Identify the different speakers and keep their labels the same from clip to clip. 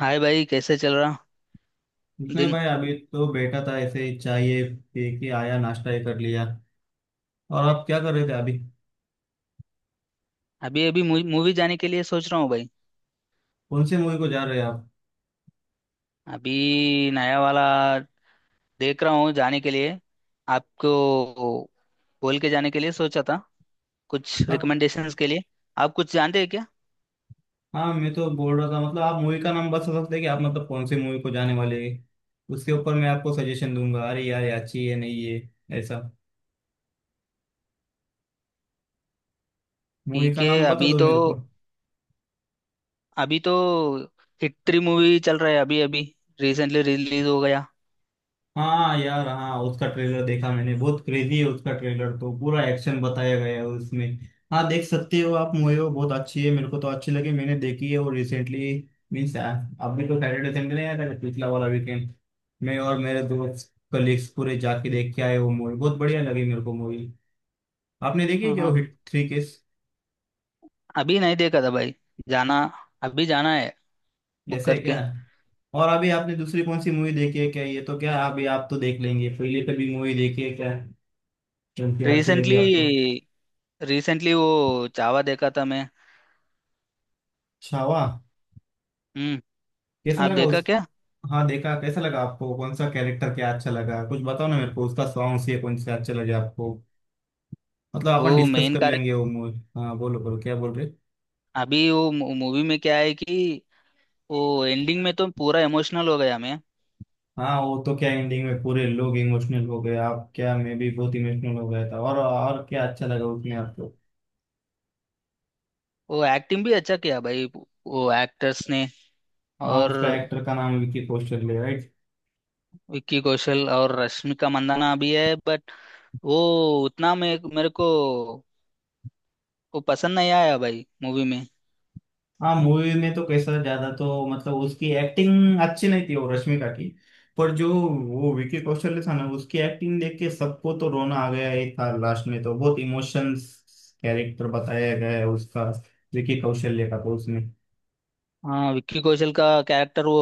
Speaker 1: हाय भाई, कैसे चल रहा
Speaker 2: कुछ नहीं
Speaker 1: दिन।
Speaker 2: भाई, अभी तो बैठा था ऐसे ही चाय ये पी के आया, नाश्ता ही कर लिया। और आप क्या कर रहे थे अभी?
Speaker 1: अभी अभी मूवी जाने के लिए सोच रहा हूँ भाई।
Speaker 2: कौन सी मूवी को जा रहे हैं आप?
Speaker 1: अभी नया वाला देख रहा हूँ जाने के लिए। आपको बोल के जाने के लिए सोचा था, कुछ
Speaker 2: आप?
Speaker 1: रिकमेंडेशंस के लिए। आप कुछ जानते हैं क्या?
Speaker 2: हाँ, मैं तो बोल रहा था, मतलब आप मूवी का नाम बता सकते हैं कि आप मतलब कौन सी मूवी को जाने वाले हैं। उसके ऊपर मैं आपको सजेशन दूंगा, अरे यार ये अच्छी है, नहीं है ऐसा। मूवी
Speaker 1: ठीक
Speaker 2: का
Speaker 1: है।
Speaker 2: नाम बता
Speaker 1: अभी
Speaker 2: दो
Speaker 1: तो
Speaker 2: मेरे को।
Speaker 1: अभी तो हिट थ्री मूवी चल रहा है अभी अभी। रिसेंटली रिलीज हो गया।
Speaker 2: हाँ यार, हाँ उसका ट्रेलर देखा मैंने, बहुत क्रेजी है उसका ट्रेलर, तो पूरा एक्शन बताया गया है उसमें। हाँ देख सकते हो आप मूवी, वो बहुत अच्छी है, मेरे को तो अच्छी लगी, मैंने देखी है वो रिसेंटली। मीन्स अभी तो सैटरडे संडे नहीं आया था, पिछला वाला वीकेंड मैं और मेरे दोस्त कलीग्स पूरे जाके देख के आए, वो मूवी बहुत बढ़िया लगी मेरे को मूवी। आपने देखी है
Speaker 1: हाँ,
Speaker 2: क्या वो
Speaker 1: हाँ।
Speaker 2: Hit 3 case?
Speaker 1: अभी नहीं देखा था भाई जाना। अभी जाना है, बुक
Speaker 2: ऐसे है
Speaker 1: करके।
Speaker 2: क्या? और अभी आपने दूसरी कौन सी मूवी देखी है क्या? ये तो क्या, अभी आप तो देख लेंगे, पहले कभी मूवी देखी है क्या? क्योंकि अच्छी लगी आपको।
Speaker 1: रिसेंटली रिसेंटली वो चावा देखा था मैं।
Speaker 2: छावा?
Speaker 1: हम्म।
Speaker 2: कैसा
Speaker 1: आप
Speaker 2: लगा
Speaker 1: देखा
Speaker 2: उस?
Speaker 1: क्या?
Speaker 2: हाँ देखा, कैसा लगा आपको, कौन सा कैरेक्टर, क्या अच्छा लगा, कुछ बताओ ना मेरे को, उसका सॉन्ग्स ये कौन से अच्छे लगे आपको? मतलब अपन
Speaker 1: वो
Speaker 2: डिस्कस
Speaker 1: मेन
Speaker 2: कर
Speaker 1: कारक।
Speaker 2: लेंगे वो मूवी। हाँ बोलो बोलो, क्या बोल रहे?
Speaker 1: अभी वो मूवी में क्या है कि वो एंडिंग में तो पूरा इमोशनल हो गया मैं।
Speaker 2: हाँ वो तो क्या, एंडिंग में पूरे लोग इमोशनल हो गए, आप क्या, मैं भी बहुत इमोशनल हो गया था। और क्या अच्छा लगा उसमें आपको?
Speaker 1: वो एक्टिंग भी अच्छा किया भाई वो एक्टर्स ने।
Speaker 2: हाँ
Speaker 1: और
Speaker 2: उसका एक्टर का नाम विकी कौशल है, right?
Speaker 1: विक्की कौशल और रश्मिका मंदाना भी है, बट वो उतना मे मेरे को वो पसंद नहीं आया भाई मूवी में।
Speaker 2: हाँ मूवी में तो कैसा ज्यादा, तो मतलब उसकी एक्टिंग अच्छी नहीं थी वो रश्मिका की। पर जो वो विकी कौशल था ना, उसकी एक्टिंग देख के सबको तो रोना आ गया ही था, लास्ट में तो बहुत इमोशंस कैरेक्टर बताया गया है उसका, विकी कौशल्य का तो उसमें।
Speaker 1: हाँ, विक्की कौशल का कैरेक्टर वो,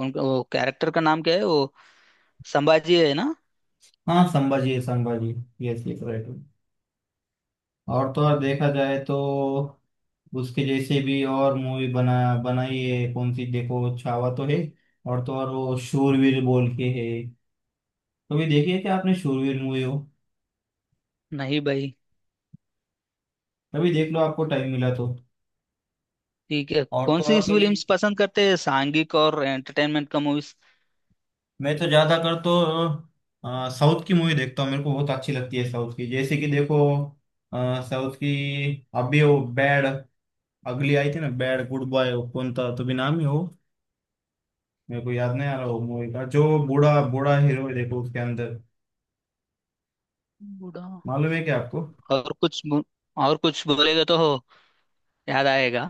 Speaker 1: उनका वो कैरेक्टर का नाम क्या है वो, संभाजी है ना।
Speaker 2: हाँ संभाजी है, संभाजी। Yes yes right. और तो और देखा जाए तो उसके जैसे भी और मूवी बनाई है कौन सी, देखो छावा तो है, और तो और वो शूरवीर बोल के है। कभी देखिए क्या आपने शूरवीर मूवी हो?
Speaker 1: नहीं भाई।
Speaker 2: कभी देख लो, आपको टाइम मिला तो।
Speaker 1: ठीक है।
Speaker 2: और
Speaker 1: कौन
Speaker 2: तो
Speaker 1: सी
Speaker 2: और कभी,
Speaker 1: फिल्म्स पसंद करते हैं सांघिक और एंटरटेनमेंट का मूवीज?
Speaker 2: मैं तो ज्यादा कर तो साउथ की मूवी देखता हूँ, मेरे को बहुत अच्छी लगती है साउथ की, जैसे कि देखो साउथ की, अभी वो बैड अगली आई थी ना, बैड गुड बॉय, वो कौन था, तो भी नाम ही हो, मेरे को याद नहीं आ रहा वो मूवी का, जो बूढ़ा बूढ़ा हीरो है देखो उसके अंदर,
Speaker 1: बूढ़ा।
Speaker 2: मालूम है क्या आपको?
Speaker 1: और कुछ बो- और कुछ बोलेगा तो हो याद आएगा।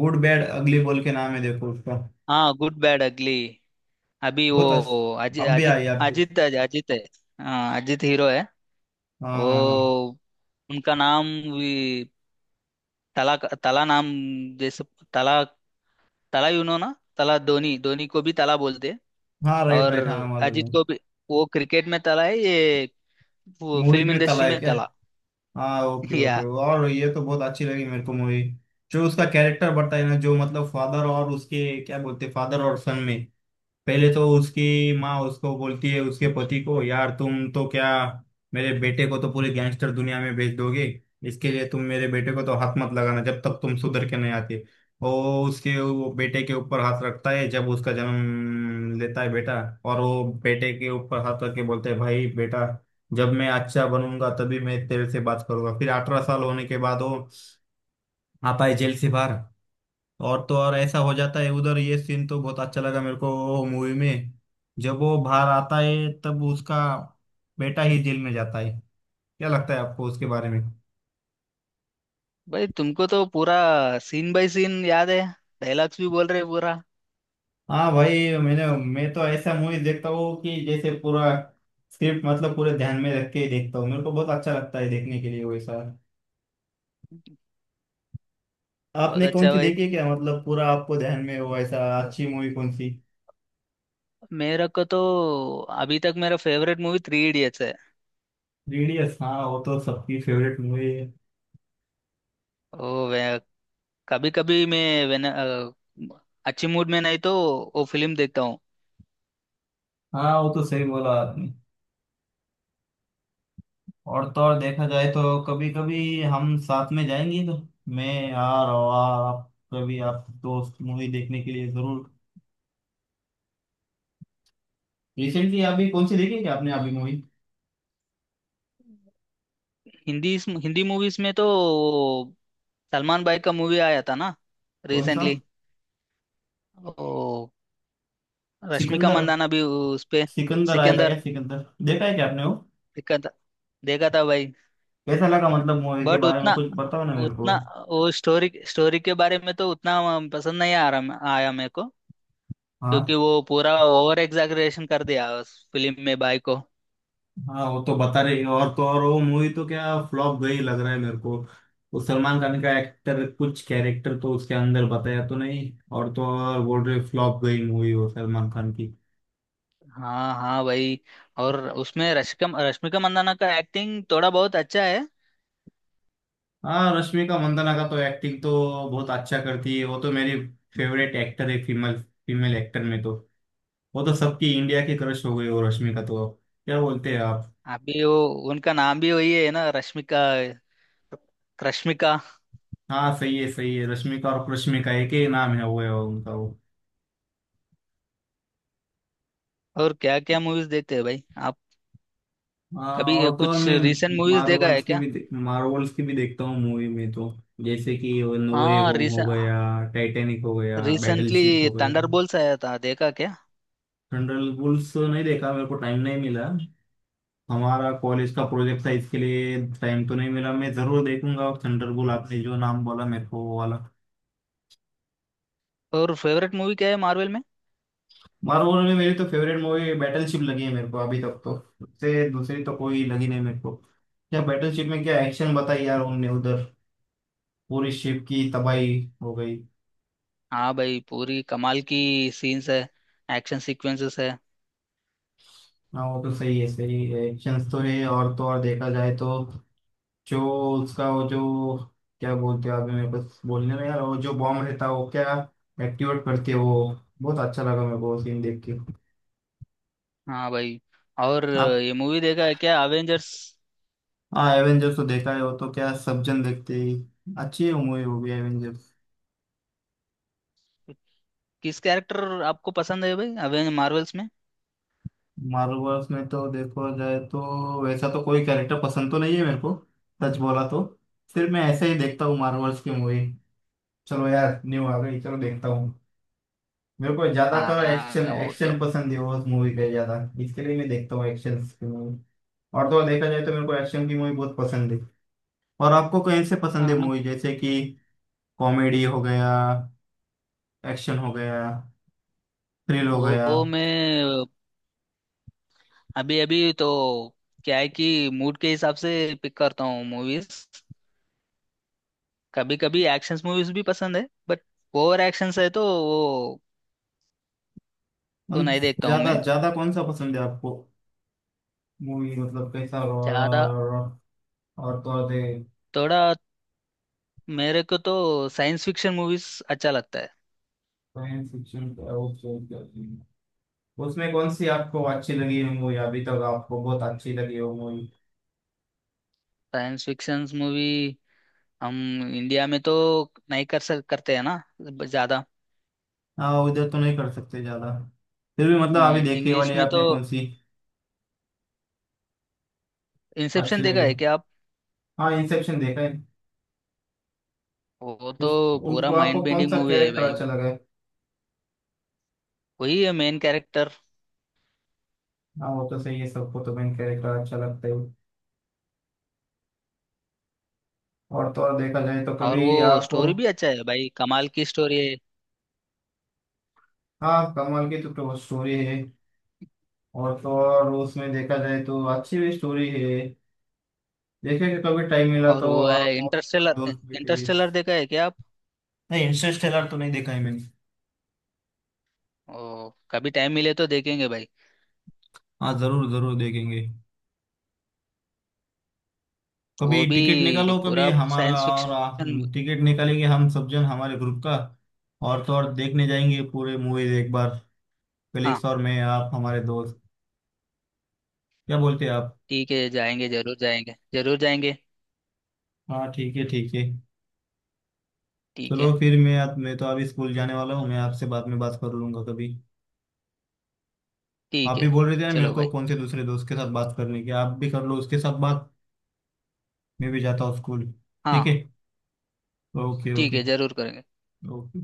Speaker 2: गुड बैड अगली बोल के नाम है देखो उसका।
Speaker 1: हाँ, गुड बैड अगली। अभी वो
Speaker 2: अब भी
Speaker 1: अजित
Speaker 2: आई आप?
Speaker 1: अजित है- अजित है। हाँ, अजित हीरो है।
Speaker 2: हाँ हाँ हाँ।
Speaker 1: वो उनका नाम भी तला। तला नाम, जैसे तला, तला यू नो ना। तला धोनी, धोनी को भी तला बोलते हैं।
Speaker 2: हाँ राइट
Speaker 1: और
Speaker 2: राइट, हाँ right, right, हाँ, मालूम
Speaker 1: अजित
Speaker 2: है।
Speaker 1: को भी। वो क्रिकेट में तला है, ये वो
Speaker 2: मूवीज
Speaker 1: फिल्म
Speaker 2: में तला
Speaker 1: इंडस्ट्री
Speaker 2: है
Speaker 1: में
Speaker 2: क्या?
Speaker 1: तला।
Speaker 2: हाँ ओके ओके,
Speaker 1: या
Speaker 2: और ये तो बहुत अच्छी लगी मेरे को मूवी, जो उसका कैरेक्टर बताया ना, जो मतलब फादर और उसके क्या बोलते, फादर और सन में, पहले तो उसकी माँ उसको बोलती है, उसके पति को, यार तुम तो क्या मेरे बेटे को तो पूरी गैंगस्टर दुनिया में भेज दोगे, इसके लिए तुम मेरे बेटे को तो हाथ मत लगाना जब तक तुम सुधर के नहीं आते। वो उसके वो बेटे के ऊपर हाथ रखता है जब उसका जन्म लेता है बेटा, और वो बेटे के ऊपर हाथ रख के बोलते है भाई बेटा, जब मैं अच्छा बनूंगा तभी मैं तेरे से बात करूंगा। फिर 18 साल होने के बाद वो आता है जेल से बाहर, और तो और ऐसा हो जाता है उधर, ये सीन तो बहुत अच्छा लगा मेरे को मूवी में। जब वो बाहर आता है तब उसका बेटा ही जेल में जाता है। क्या लगता है आपको उसके बारे में?
Speaker 1: भाई, तुमको तो पूरा सीन बाय सीन याद है, डायलॉग्स भी बोल रहे पूरा।
Speaker 2: हाँ भाई, मैंने, मैं तो ऐसा मूवी देखता हूँ कि जैसे पूरा स्क्रिप्ट मतलब पूरे ध्यान में रख के ही देखता हूँ, मेरे को बहुत अच्छा लगता है देखने के लिए वैसा।
Speaker 1: बहुत
Speaker 2: आपने कौन
Speaker 1: अच्छा
Speaker 2: सी
Speaker 1: भाई।
Speaker 2: देखी है क्या, मतलब पूरा आपको ध्यान में हो ऐसा अच्छी मूवी कौन सी?
Speaker 1: मेरा को तो अभी तक मेरा फेवरेट मूवी थ्री इडियट्स है।
Speaker 2: रेडियस, हाँ वो तो सबकी फेवरेट मूवी है।
Speaker 1: ओ वे, कभी कभी मैं वेन अच्छी मूड में नहीं तो वो फिल्म देखता हूँ।
Speaker 2: हाँ वो तो सही बोला आपने। और तो और देखा जाए तो कभी कभी हम साथ में जाएंगे तो, मैं यार और आप कभी, आप दोस्त मूवी देखने के लिए जरूर। रिसेंटली अभी कौन सी देखी है क्या आपने अभी मूवी?
Speaker 1: हिंदी, हिंदी मूवीज में तो वो सलमान भाई का मूवी आया था ना,
Speaker 2: कौन सा?
Speaker 1: रिसेंटली। ओ, रश्मिका
Speaker 2: सिकंदर?
Speaker 1: मंदाना भी उस पे।
Speaker 2: सिकंदर आया था
Speaker 1: सिकंदर
Speaker 2: क्या, सिकंदर देखा है क्या आपने वो?
Speaker 1: देखा था, देखा था भाई।
Speaker 2: कैसा लगा, मतलब मूवी के
Speaker 1: बट
Speaker 2: बारे में
Speaker 1: उतना
Speaker 2: कुछ बताओ ना मेरे को।
Speaker 1: उतना वो स्टोरी स्टोरी के बारे में तो उतना पसंद नहीं आ रहा आया मेरे को। क्योंकि
Speaker 2: हाँ।
Speaker 1: वो पूरा ओवर एग्जैगरेशन कर दिया उस फिल्म में बाई को।
Speaker 2: हाँ वो तो बता रही है, और तो और वो मूवी तो क्या फ्लॉप गई लग रहा है मेरे को, वो सलमान खान का एक्टर कुछ कैरेक्टर तो उसके अंदर बताया तो नहीं, और तो और बोल रहे फ्लॉप गई मूवी वो सलमान खान की।
Speaker 1: हाँ, हाँ भाई। और उसमें रश्मिका रश्मिका मंदाना का एक्टिंग थोड़ा बहुत अच्छा है।
Speaker 2: हाँ रश्मिका मंदाना का तो एक्टिंग तो बहुत अच्छा करती है वो, तो मेरी फेवरेट एक्टर है, फीमेल फीमेल एक्टर में तो वो तो सबकी इंडिया की क्रश हो गई वो रश्मिका तो। क्या बोलते हैं आप?
Speaker 1: अभी वो उनका नाम भी वही है ना, रश्मिका रश्मिका।
Speaker 2: हाँ सही है सही है, रश्मिका और कृष्मिका एक ही नाम है, वो है उनका वो।
Speaker 1: और क्या क्या मूवीज देखते हैं भाई आप?
Speaker 2: हाँ,
Speaker 1: कभी
Speaker 2: और तो और
Speaker 1: कुछ
Speaker 2: मैं
Speaker 1: रीसेंट मूवीज देखा है क्या?
Speaker 2: मार्वल्स की भी देखता हूँ मूवी में तो, जैसे कि नो वे
Speaker 1: हाँ,
Speaker 2: होम हो
Speaker 1: रिसेंट।
Speaker 2: गया, टाइटैनिक हो गया,
Speaker 1: रिसेंटली
Speaker 2: बैटलशिप हो गया।
Speaker 1: थंडरबोल्ट्स आया था, देखा क्या?
Speaker 2: थंडरबोल्ट्स तो नहीं देखा, मेरे को टाइम नहीं मिला, हमारा कॉलेज का प्रोजेक्ट था, इसके लिए टाइम तो नहीं मिला, मैं जरूर देखूंगा थंडरबोल्ट, आपने जो नाम बोला मेरे को वो वाला।
Speaker 1: और फेवरेट मूवी क्या है मार्वल में?
Speaker 2: मार्वल में मेरी तो फेवरेट मूवी बैटलशिप लगी है, मेरे को अभी तक तो उससे दूसरी तो कोई लगी नहीं मेरे को। क्या बैटलशिप में क्या एक्शन बताई यार उनने उधर, पूरी शिप की तबाही हो गई।
Speaker 1: हाँ भाई, पूरी कमाल की सीन्स है, एक्शन सीक्वेंसेस है।
Speaker 2: ना वो तो सही है सही है, एक्शन तो है, और तो और देखा जाए तो, जो उसका वो जो क्या बोलते हैं अभी मेरे पास बोलने में, यार वो जो बॉम्ब रहता है, वो क्या एक्टिवेट करती है वो, बहुत अच्छा लगा मेरे को सीन देख के।
Speaker 1: हाँ भाई। और
Speaker 2: आप?
Speaker 1: ये मूवी देखा है क्या, अवेंजर्स?
Speaker 2: हाँ एवेंजर्स तो देखा है, वो तो क्या सब जन देखते ही, अच्छी मूवी होगी एवेंजर्स।
Speaker 1: किस कैरेक्टर आपको पसंद है भाई अवेंज मार्वल्स में?
Speaker 2: मार्वल्स में तो देखो जाए तो वैसा तो कोई कैरेक्टर पसंद तो नहीं है मेरे को, सच बोला तो। सिर्फ मैं ऐसे ही देखता हूँ मार्वल्स की मूवी, चलो यार न्यू आ गई चलो देखता हूँ। मेरे को ज्यादातर एक्शन
Speaker 1: हाँ, वो तो।
Speaker 2: एक्शन पसंद है उस मूवी के ज्यादा, इसके लिए मैं देखता हूँ एक्शन की मूवी। और तो और देखा जाए तो मेरे को एक्शन की मूवी बहुत पसंद है। और आपको कौन से पसंद है
Speaker 1: हाँ,
Speaker 2: मूवी, जैसे कि कॉमेडी हो गया, एक्शन हो गया, थ्रिल हो गया।
Speaker 1: वो मैं, अभी अभी तो क्या है कि मूड के हिसाब से पिक करता हूँ मूवीज। कभी कभी एक्शन मूवीज भी पसंद है, बट ओवर एक्शन है तो वो तो
Speaker 2: हम
Speaker 1: नहीं देखता हूँ
Speaker 2: ज्यादा
Speaker 1: मैं
Speaker 2: ज्यादा कौन सा पसंद है आपको मूवी, मतलब कैसा?
Speaker 1: ज्यादा।
Speaker 2: और तो और दे,
Speaker 1: थोड़ा, मेरे को तो साइंस फिक्शन मूवीज अच्छा लगता है।
Speaker 2: साइंस फिक्शन, उसमें कौन सी आपको अच्छी लगी है मूवी, अभी तक आपको बहुत अच्छी लगी हो मूवी?
Speaker 1: साइंस फिक्शन मूवी, हम इंडिया में तो नहीं कर सक करते हैं ना ज्यादा।
Speaker 2: हाँ उधर तो नहीं कर सकते ज्यादा, फिर भी मतलब अभी देखने
Speaker 1: इंग्लिश
Speaker 2: वाली
Speaker 1: में तो
Speaker 2: आपने कौन सी अच्छी
Speaker 1: इंसेप्शन देखा
Speaker 2: लगी हो?
Speaker 1: है क्या आप?
Speaker 2: हाँ इंसेप्शन देखा है।
Speaker 1: वो
Speaker 2: उस,
Speaker 1: तो पूरा
Speaker 2: उनको आपको
Speaker 1: माइंड
Speaker 2: कौन
Speaker 1: बेंडिंग
Speaker 2: सा
Speaker 1: मूवी है
Speaker 2: कैरेक्टर
Speaker 1: भाई वो।
Speaker 2: अच्छा लगा है?
Speaker 1: वही है मेन कैरेक्टर।
Speaker 2: हाँ वो तो सही है, सबको तो मेन कैरेक्टर अच्छा लगता है। और तो और देखा जाए तो
Speaker 1: और
Speaker 2: कभी
Speaker 1: वो
Speaker 2: आपको,
Speaker 1: स्टोरी भी अच्छा है भाई, कमाल की स्टोरी है।
Speaker 2: हाँ कमाल की तो स्टोरी है, और तो और उसमें देखा जाए तो अच्छी भी स्टोरी है, देखेंगे कभी टाइम मिला
Speaker 1: और
Speaker 2: तो,
Speaker 1: वो
Speaker 2: आप
Speaker 1: है
Speaker 2: और
Speaker 1: इंटरस्टेलर,
Speaker 2: दोस्त बैठेंगे।
Speaker 1: इंटरस्टेलर देखा है क्या आप?
Speaker 2: नहीं इंटरस्टेलर तो नहीं देखा है मैंने।
Speaker 1: ओ, कभी टाइम मिले तो देखेंगे भाई।
Speaker 2: हाँ जरूर जरूर देखेंगे, कभी
Speaker 1: वो भी
Speaker 2: टिकट निकालो, कभी
Speaker 1: पूरा
Speaker 2: हमारा
Speaker 1: साइंस फिक्शन।
Speaker 2: टिकट निकालेंगे हम सब जन हमारे ग्रुप का, और तो और देखने जाएंगे पूरे मूवीज एक बार,
Speaker 1: हाँ,
Speaker 2: कलीग्स और मैं आप हमारे दोस्त। क्या बोलते हैं आप?
Speaker 1: ठीक है। जाएंगे, जरूर जाएंगे, जरूर जाएंगे।
Speaker 2: हाँ ठीक है ठीक है।
Speaker 1: ठीक है,
Speaker 2: चलो फिर मैं तो अभी स्कूल जाने वाला हूँ, मैं आपसे बाद में बात कर लूंगा कभी। आप
Speaker 1: ठीक
Speaker 2: भी
Speaker 1: है।
Speaker 2: बोल रहे थे ना मेरे
Speaker 1: चलो
Speaker 2: को,
Speaker 1: भाई।
Speaker 2: कौन से दूसरे दोस्त के साथ बात करने की, आप भी कर लो उसके साथ बात। मैं भी जाता हूँ स्कूल। ठीक
Speaker 1: हाँ
Speaker 2: है। ओके
Speaker 1: ठीक
Speaker 2: ओके
Speaker 1: है, जरूर करेंगे।
Speaker 2: ओके।